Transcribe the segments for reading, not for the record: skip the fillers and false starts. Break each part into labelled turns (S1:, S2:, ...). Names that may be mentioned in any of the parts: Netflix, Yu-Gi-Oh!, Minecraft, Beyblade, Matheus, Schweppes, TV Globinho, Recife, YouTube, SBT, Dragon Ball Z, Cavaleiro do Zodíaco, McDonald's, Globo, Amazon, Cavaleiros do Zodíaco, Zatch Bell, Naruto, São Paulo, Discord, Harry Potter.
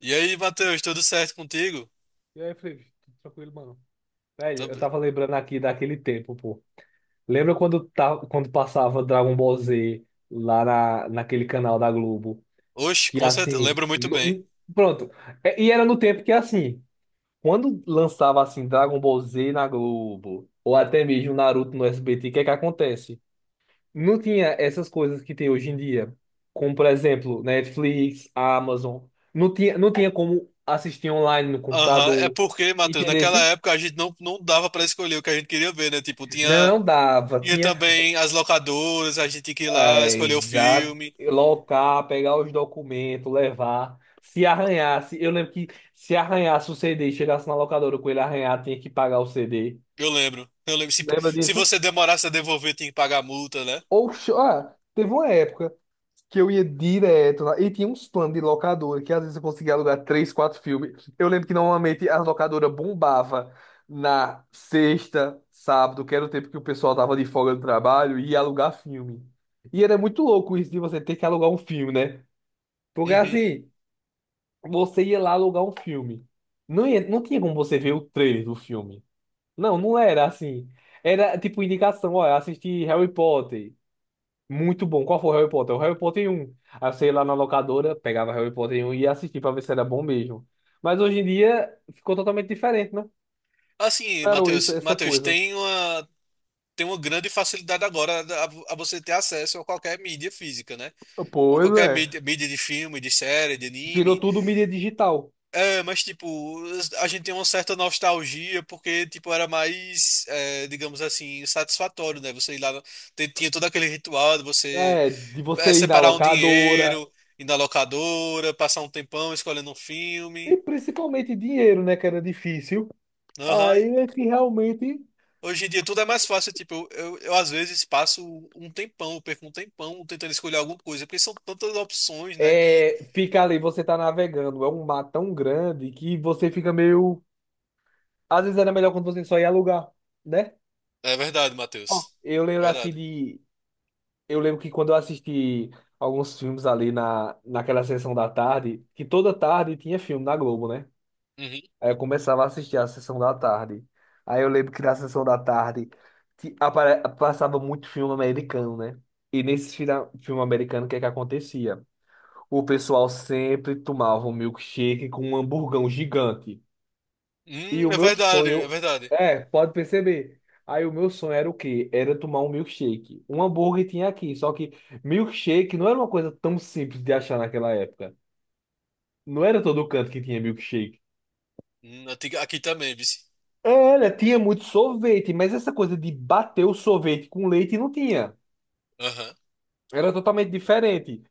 S1: E aí, Matheus, tudo certo contigo?
S2: E aí, Felipe, tudo tranquilo, mano? Velho, eu
S1: Também.
S2: tava lembrando aqui daquele tempo, pô. Lembra quando, tá, quando passava Dragon Ball Z naquele canal da Globo?
S1: Oxe,
S2: Que
S1: com certeza,
S2: assim.
S1: lembro muito bem.
S2: Pronto. E era no tempo que assim. Quando lançava assim Dragon Ball Z na Globo, ou até mesmo Naruto no SBT, o que é que acontece? Não tinha essas coisas que tem hoje em dia. Como, por exemplo, Netflix, Amazon. Não tinha, como assistir online no
S1: Aham, é
S2: computador.
S1: porque, Matheus,
S2: Entendeu?
S1: naquela época a gente não dava pra escolher o que a gente queria ver, né? Tipo, tinha,
S2: Não dava,
S1: tinha
S2: tinha
S1: também as locadoras, a gente tinha que ir lá escolher o filme.
S2: locar, pegar os documentos, levar. Se arranhasse, eu lembro que se arranhasse o CD e chegasse na locadora com ele arranhado, tinha que pagar o CD.
S1: Eu lembro, eu lembro. Se,
S2: Lembra
S1: se
S2: disso?
S1: você demorasse a devolver, tinha que pagar a multa, né?
S2: Ou, ah, teve uma época, que eu ia direto lá. E tinha uns planos de locadora, que às vezes eu conseguia alugar três, quatro filmes. Eu lembro que normalmente a locadora bombava na sexta, sábado, que era o tempo que o pessoal tava de folga do trabalho, e ia alugar filme. E era muito louco isso de você ter que alugar um filme, né? Porque
S1: Uhum.
S2: assim, você ia lá alugar um filme. Não tinha como você ver o trailer do filme. Não, não era assim. Era tipo indicação, olha, assisti Harry Potter. Muito bom. Qual foi o Harry Potter? O Harry Potter 1. Aí você ia lá na locadora, pegava Harry Potter 1 e ia assistir pra ver se era bom mesmo. Mas hoje em dia ficou totalmente diferente, né?
S1: Assim,
S2: Parou essa,
S1: Matheus,
S2: essa
S1: Matheus,
S2: coisa.
S1: tem uma grande facilidade agora a você ter acesso a qualquer mídia física, né? A
S2: Pois
S1: qualquer
S2: é.
S1: mídia de filme, de série, de
S2: Virou
S1: anime.
S2: tudo mídia digital.
S1: É, mas tipo, a gente tem uma certa nostalgia porque tipo era mais, digamos assim, satisfatório, né? Você ir lá, tinha todo aquele ritual de você
S2: É, de você ir na
S1: separar um
S2: locadora.
S1: dinheiro, ir na locadora, passar um tempão escolhendo um
S2: E
S1: filme.
S2: principalmente dinheiro, né? Que era difícil.
S1: Aham.
S2: Aí é que realmente
S1: Hoje em dia tudo é mais fácil, tipo, eu, às vezes passo um tempão, eu perco um tempão tentando escolher alguma coisa, porque são tantas opções, né, que...
S2: é, fica ali, você tá navegando. É um mar tão grande que você fica meio. Às vezes era melhor quando você só ia alugar, né?
S1: É verdade,
S2: Ó,
S1: Matheus.
S2: eu lembro assim
S1: Verdade.
S2: de eu lembro que quando eu assisti alguns filmes ali naquela sessão da tarde, que toda tarde tinha filme na Globo, né?
S1: Uhum.
S2: Aí eu começava a assistir a sessão da tarde. Aí eu lembro que na sessão da tarde passava muito filme americano, né? E nesse filme americano, o que é que acontecia? O pessoal sempre tomava um milkshake com um hamburgão gigante. E o
S1: É
S2: meu
S1: verdade, é
S2: sonho,
S1: verdade.
S2: é, pode perceber. Aí o meu sonho era o quê? Era tomar um milkshake. Um hambúrguer tinha aqui, só que milkshake não era uma coisa tão simples de achar naquela época. Não era todo canto que tinha milkshake.
S1: Aqui também, viu?
S2: Era, tinha muito sorvete, mas essa coisa de bater o sorvete com leite não tinha.
S1: Aham.
S2: Era totalmente diferente.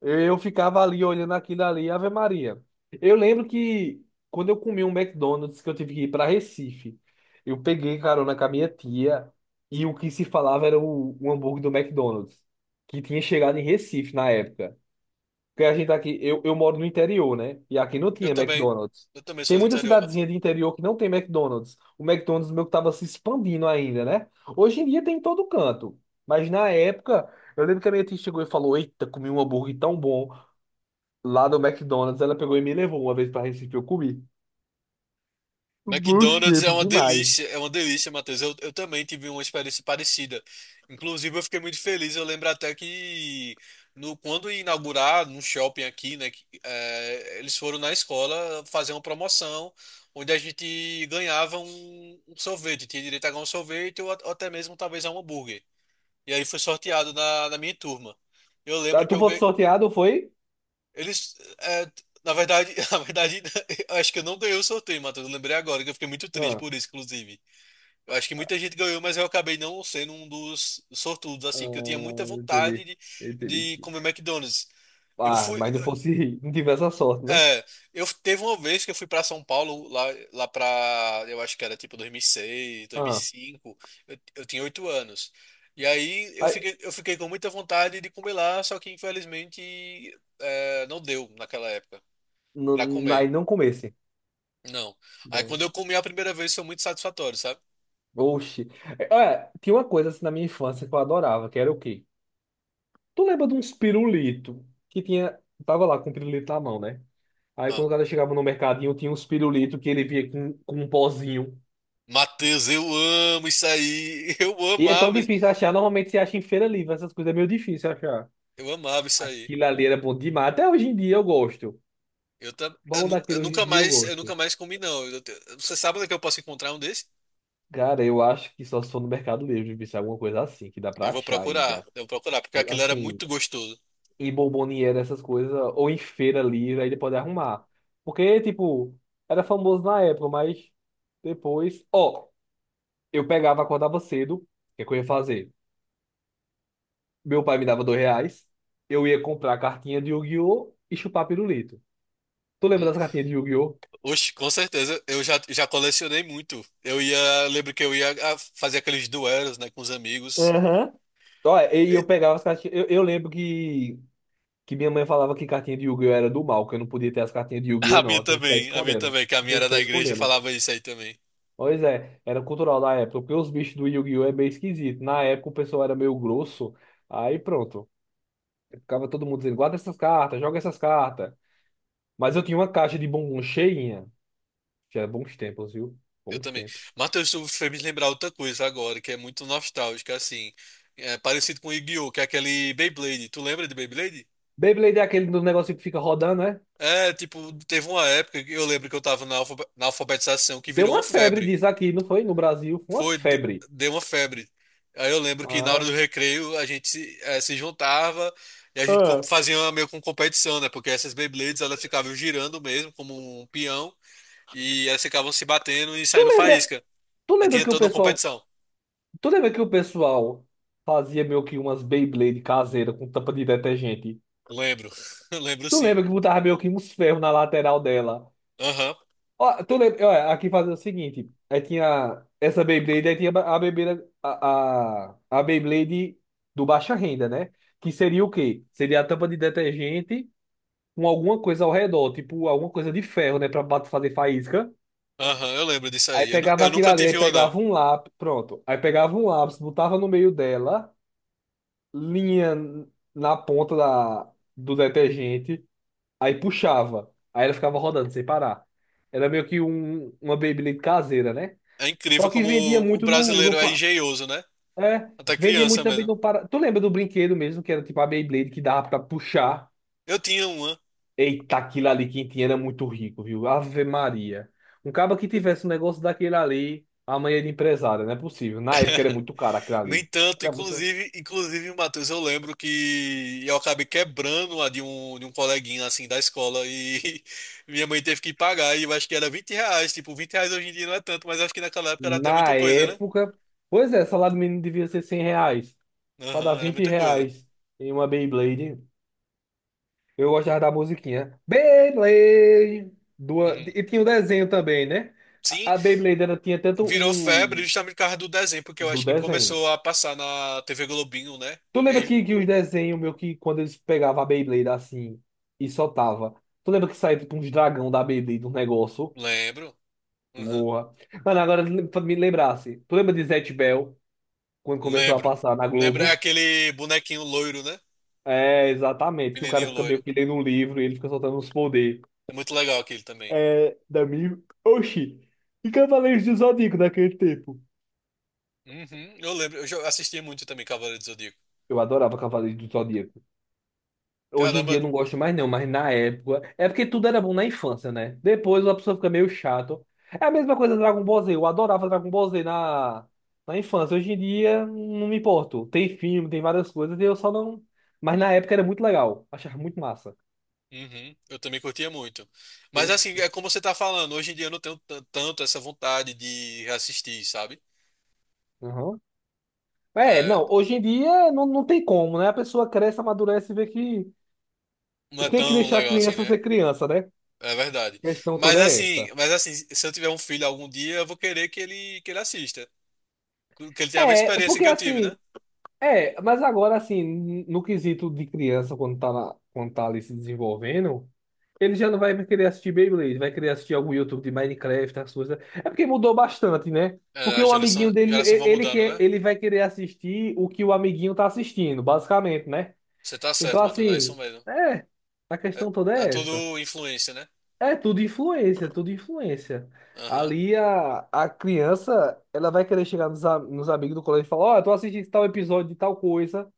S2: Eu ficava ali olhando aquilo ali, Ave Maria. Eu lembro que quando eu comi um McDonald's que eu tive que ir para Recife, eu peguei carona com a minha tia e o que se falava era o hambúrguer do McDonald's, que tinha chegado em Recife na época. Porque a gente aqui, eu moro no interior, né? E aqui não
S1: Eu
S2: tinha
S1: também.
S2: McDonald's.
S1: Eu também
S2: Tem
S1: sou do
S2: muita
S1: interior, Matheus.
S2: cidadezinha de interior que não tem McDonald's. O McDonald's meu que tava se expandindo ainda, né? Hoje em dia tem em todo canto. Mas na época, eu lembro que a minha tia chegou e falou: Eita, comi um hambúrguer tão bom lá do McDonald's. Ela pegou e me levou uma vez pra Recife, eu comi. Bons
S1: McDonald's
S2: tempos demais.
S1: é uma delícia, Matheus. Eu também tive uma experiência parecida. Inclusive, eu fiquei muito feliz. Eu lembro até que no, quando ia inaugurar no shopping aqui, né, que, eles foram na escola fazer uma promoção onde a gente ganhava um sorvete, tinha direito a ganhar um sorvete ou, ou até mesmo talvez a um hambúrguer. E aí foi sorteado na minha turma. Eu
S2: Ah,
S1: lembro que
S2: tu
S1: eu,
S2: foi
S1: ganhei.
S2: sorteado, foi?
S1: Eles. é, Na verdade, na verdade, eu acho que eu não ganhei o sorteio, Matheus. Eu lembrei agora, que eu fiquei muito triste
S2: Ah,
S1: por isso, inclusive. Eu acho que muita gente ganhou, mas eu acabei não sendo um dos sortudos,
S2: ah,
S1: assim, que eu tinha muita vontade
S2: entendi.
S1: de,
S2: Entendi.
S1: de comer McDonald's. Eu
S2: Ah,
S1: fui.
S2: mas não fosse, não tivesse a sorte, né?
S1: É, eu teve uma vez que eu fui pra São Paulo, lá pra. Eu acho que era tipo 2006,
S2: Ah,
S1: cinco. Eu tinha 8 anos. E aí eu
S2: aí,
S1: fiquei, eu fiquei com muita vontade de comer lá, só que infelizmente não deu naquela época. Pra
S2: não,
S1: comer.
S2: aí não comesse.
S1: Não. Aí
S2: Né?
S1: quando eu comi a primeira vez foi muito satisfatório, sabe?
S2: Oxi. É, olha, tinha uma coisa assim na minha infância que eu adorava, que era o quê? Tu lembra de uns pirulito que tinha. Tava lá com o pirulito na mão, né? Aí
S1: Ah,
S2: quando o cara chegava no mercadinho, tinha uns pirulito que ele via com um pozinho.
S1: Matheus, eu amo isso aí. Eu
S2: E é tão
S1: amava,
S2: difícil achar. Normalmente você acha em feira livre, essas coisas é meio difícil achar.
S1: eu amava isso aí.
S2: Aquilo ali era bom demais. Até hoje em dia eu gosto.
S1: Eu, tam, eu,
S2: Bom
S1: nu-
S2: daquele hoje em dia eu
S1: eu nunca
S2: gosto.
S1: mais comi não. Você sabe onde é que eu posso encontrar um desse?
S2: Cara, eu acho que só se for no Mercado Livre, se é alguma coisa assim, que dá
S1: Eu
S2: pra
S1: vou
S2: achar
S1: procurar,
S2: ainda.
S1: eu vou procurar, porque
S2: Mas
S1: aquilo era
S2: assim,
S1: muito gostoso.
S2: e bomboniera, essas coisas, ou em feira livre, aí ele pode arrumar. Porque, tipo, era famoso na época, mas depois. Ó, eu pegava, acordava cedo, o que é que eu ia fazer? Meu pai me dava R$ 2, eu ia comprar cartinha de Yu-Gi-Oh! E chupar pirulito. Tu lembra
S1: Hum.
S2: das cartinhas de Yu-Gi-Oh?
S1: Oxe, com certeza, eu já colecionei muito. Lembro que eu ia fazer aqueles duelos, né, com os amigos.
S2: Aham. Ó, e
S1: E-
S2: eu pegava as cartinhas. Eu lembro que minha mãe falava que cartinha de Yu-Gi-Oh! Era do mal, que eu não podia ter as cartinhas de Yu-Gi-Oh! Não, eu tinha que ficar
S1: A minha
S2: escondendo.
S1: também, que a minha
S2: Tinha que
S1: era
S2: ficar
S1: da igreja e
S2: escondendo.
S1: falava isso aí também.
S2: Pois é, era cultural da época, porque os bichos do Yu-Gi-Oh! É meio esquisito. Na época o pessoal era meio grosso, aí pronto. Ficava todo mundo dizendo, guarda essas cartas, joga essas cartas. Mas eu tinha uma caixa de bombom cheinha. Já bons tempos, viu?
S1: Eu
S2: Bons
S1: também.
S2: tempos.
S1: Matheus, tu fez me lembrar outra coisa agora, que é muito nostálgica, assim. É parecido com Yu-Gi-Oh!, que é aquele Beyblade. Tu lembra de Beyblade?
S2: Beyblade é aquele do negócio que fica rodando, né?
S1: É, tipo, teve uma época que eu lembro que eu tava na alfabetização que
S2: Deu
S1: virou uma
S2: uma febre
S1: febre.
S2: disso aqui, não foi? No Brasil, foi uma
S1: Foi,
S2: febre.
S1: deu uma febre. Aí eu lembro que na hora
S2: Ah.
S1: do recreio a gente se juntava e a gente
S2: Ah.
S1: fazia uma meio com competição, né? Porque essas Beyblades elas ficavam girando mesmo, como um peão, e elas ficavam se batendo e
S2: Tu
S1: saindo
S2: lembra,
S1: faísca.
S2: tu
S1: Aí
S2: lembra
S1: tinha
S2: que o
S1: toda uma
S2: pessoal,
S1: competição.
S2: tu lembra que o pessoal fazia meio que umas Beyblade caseira com tampa de detergente?
S1: Lembro, lembro
S2: Tu
S1: sim.
S2: lembra que botava meio que uns ferros na lateral dela?
S1: Aham,
S2: Ó, tu lembra? Ó, aqui fazia o seguinte: aí tinha essa Beyblade, aí tinha a Beyblade, a Beyblade do baixa renda, né? Que seria o quê? Seria a tampa de detergente com alguma coisa ao redor, tipo alguma coisa de ferro, né? Pra fazer faísca.
S1: aham, eu lembro disso
S2: Aí
S1: aí. Eu, nu-
S2: pegava
S1: eu
S2: aquilo
S1: nunca
S2: ali, aí
S1: tive uma, não.
S2: pegava um lápis, pronto. Aí pegava um lápis, botava no meio dela, linha na ponta do detergente. Aí puxava. Aí ela ficava rodando sem parar. Era meio que uma Beyblade caseira, né?
S1: É
S2: Só
S1: incrível
S2: que
S1: como
S2: vendia
S1: o
S2: muito no, no
S1: brasileiro é
S2: pa-
S1: engenhoso, né?
S2: é,
S1: Até
S2: vendia muito
S1: criança
S2: também
S1: mesmo.
S2: no para. Tu lembra do brinquedo mesmo, que era tipo a Beyblade que dava pra puxar?
S1: Eu tinha uma.
S2: Eita, aquilo ali quem tinha era muito rico, viu? Ave Maria. Um cara que tivesse um negócio daquele ali, amanhã de empresário, não é possível. Na época era muito caro aquilo
S1: Nem
S2: ali.
S1: tanto,
S2: Era muito.
S1: inclusive, Matheus, eu lembro que eu acabei quebrando a de um coleguinha, assim, da escola e minha mãe teve que pagar e eu acho que era R$ 20. Tipo, 20 reais hoje em dia não é tanto, mas acho que naquela época era até muita
S2: Na
S1: coisa, né?
S2: época. Pois é, salário mínimo devia ser R$ 100. Pra dar
S1: Aham, era
S2: 20
S1: muita coisa.
S2: reais em uma Beyblade. Eu gostava da musiquinha. Beyblade! Do,
S1: Uhum.
S2: e tinha o desenho também, né?
S1: Sim,
S2: A Beyblade era, tinha tanto
S1: virou febre
S2: o
S1: justamente por causa do desenho, porque eu
S2: do
S1: acho que
S2: desenho.
S1: começou a passar na TV Globinho, né?
S2: Tu
S1: E
S2: lembra
S1: aí
S2: que os desenhos, meu, que quando eles pegavam a Beyblade assim e soltava. Tu lembra que saía tipo uns dragão da Beyblade, um negócio?
S1: lembro. Uhum.
S2: Porra. Mano, agora pra me lembrasse. Tu lembra de Zatch Bell, quando começou a
S1: Lembro.
S2: passar na
S1: Lembro, é
S2: Globo?
S1: aquele bonequinho loiro, né?
S2: É, exatamente. Que o cara
S1: Menininho
S2: fica
S1: loiro.
S2: meio que lendo um livro e ele fica soltando uns poderes.
S1: É muito legal aquele também.
S2: É, da minha. Oxi! E Cavaleiros do Zodíaco naquele tempo?
S1: Uhum. Eu lembro, assistia muito também Cavaleiro do Zodíaco.
S2: Eu adorava Cavaleiros do Zodíaco. Hoje em
S1: Caramba,
S2: dia eu não gosto mais não, mas na época... É porque tudo era bom na infância, né? Depois a pessoa fica meio chato. É a mesma coisa Dragon Ball Z. Eu adorava Dragon Ball Z na, na infância. Hoje em dia não me importo. Tem filme, tem várias coisas e eu só não... Mas na época era muito legal. Achava muito massa.
S1: uhum. Eu também curtia muito. Mas assim,
S2: Oxi.
S1: é como você tá falando, hoje em dia eu não tenho tanto essa vontade de assistir, sabe?
S2: Aham. É,
S1: É,
S2: não. Hoje em dia não, não tem como, né? A pessoa cresce, amadurece e vê que...
S1: não é
S2: Tem que
S1: tão
S2: deixar a
S1: legal assim,
S2: criança
S1: né?
S2: ser criança, né? A
S1: É verdade.
S2: questão
S1: Mas
S2: toda é
S1: assim,
S2: essa.
S1: mas assim, se eu tiver um filho algum dia, eu vou querer que ele assista, que ele tenha a mesma
S2: É,
S1: experiência
S2: porque
S1: que eu tive, né?
S2: assim, é, mas agora assim, no quesito de criança, quando tá, quando tá ali se desenvolvendo, ele já não vai querer assistir Beyblade, vai querer assistir algum YouTube de Minecraft, as coisas. É porque mudou bastante, né?
S1: É,
S2: Porque
S1: As
S2: o amiguinho
S1: gerações
S2: dele,
S1: geração vai
S2: ele
S1: mudando,
S2: quer,
S1: né?
S2: ele vai querer assistir o que o amiguinho tá assistindo, basicamente, né?
S1: Você tá
S2: Então
S1: certo, Matheus, é isso
S2: assim,
S1: mesmo.
S2: é, a
S1: É,
S2: questão toda
S1: é
S2: é essa.
S1: tudo influência, né?
S2: É tudo influência, é tudo influência.
S1: Aham.
S2: Ali a criança, ela vai querer chegar nos, nos amigos do colégio e falar, ó, eu tô assistindo tal episódio de tal coisa.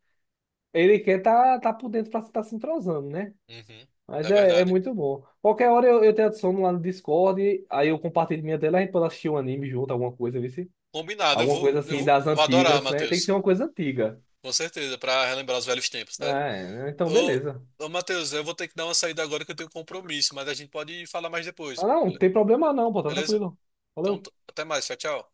S2: Ele quer tá, tá por dentro pra estar se entrosando, né?
S1: Uhum.
S2: Mas
S1: É
S2: é, é
S1: verdade.
S2: muito bom. Qualquer hora eu te adiciono lá no Discord, aí eu compartilho minha tela, a gente pode assistir um anime junto, alguma coisa, vê se-
S1: Combinado, eu
S2: alguma coisa
S1: vou, eu
S2: assim
S1: vou,
S2: das
S1: eu vou adorar,
S2: antigas, né? Tem que ser
S1: Matheus.
S2: uma coisa antiga.
S1: Com certeza, pra relembrar os velhos tempos, né?
S2: É, então
S1: Ô,
S2: beleza.
S1: ô, Matheus, eu vou ter que dar uma saída agora que eu tenho um compromisso, mas a gente pode falar mais
S2: Ah,
S1: depois,
S2: não, não tem problema não, pô, tá
S1: beleza?
S2: tranquilo.
S1: Então,
S2: Valeu.
S1: até mais, tchau, tchau.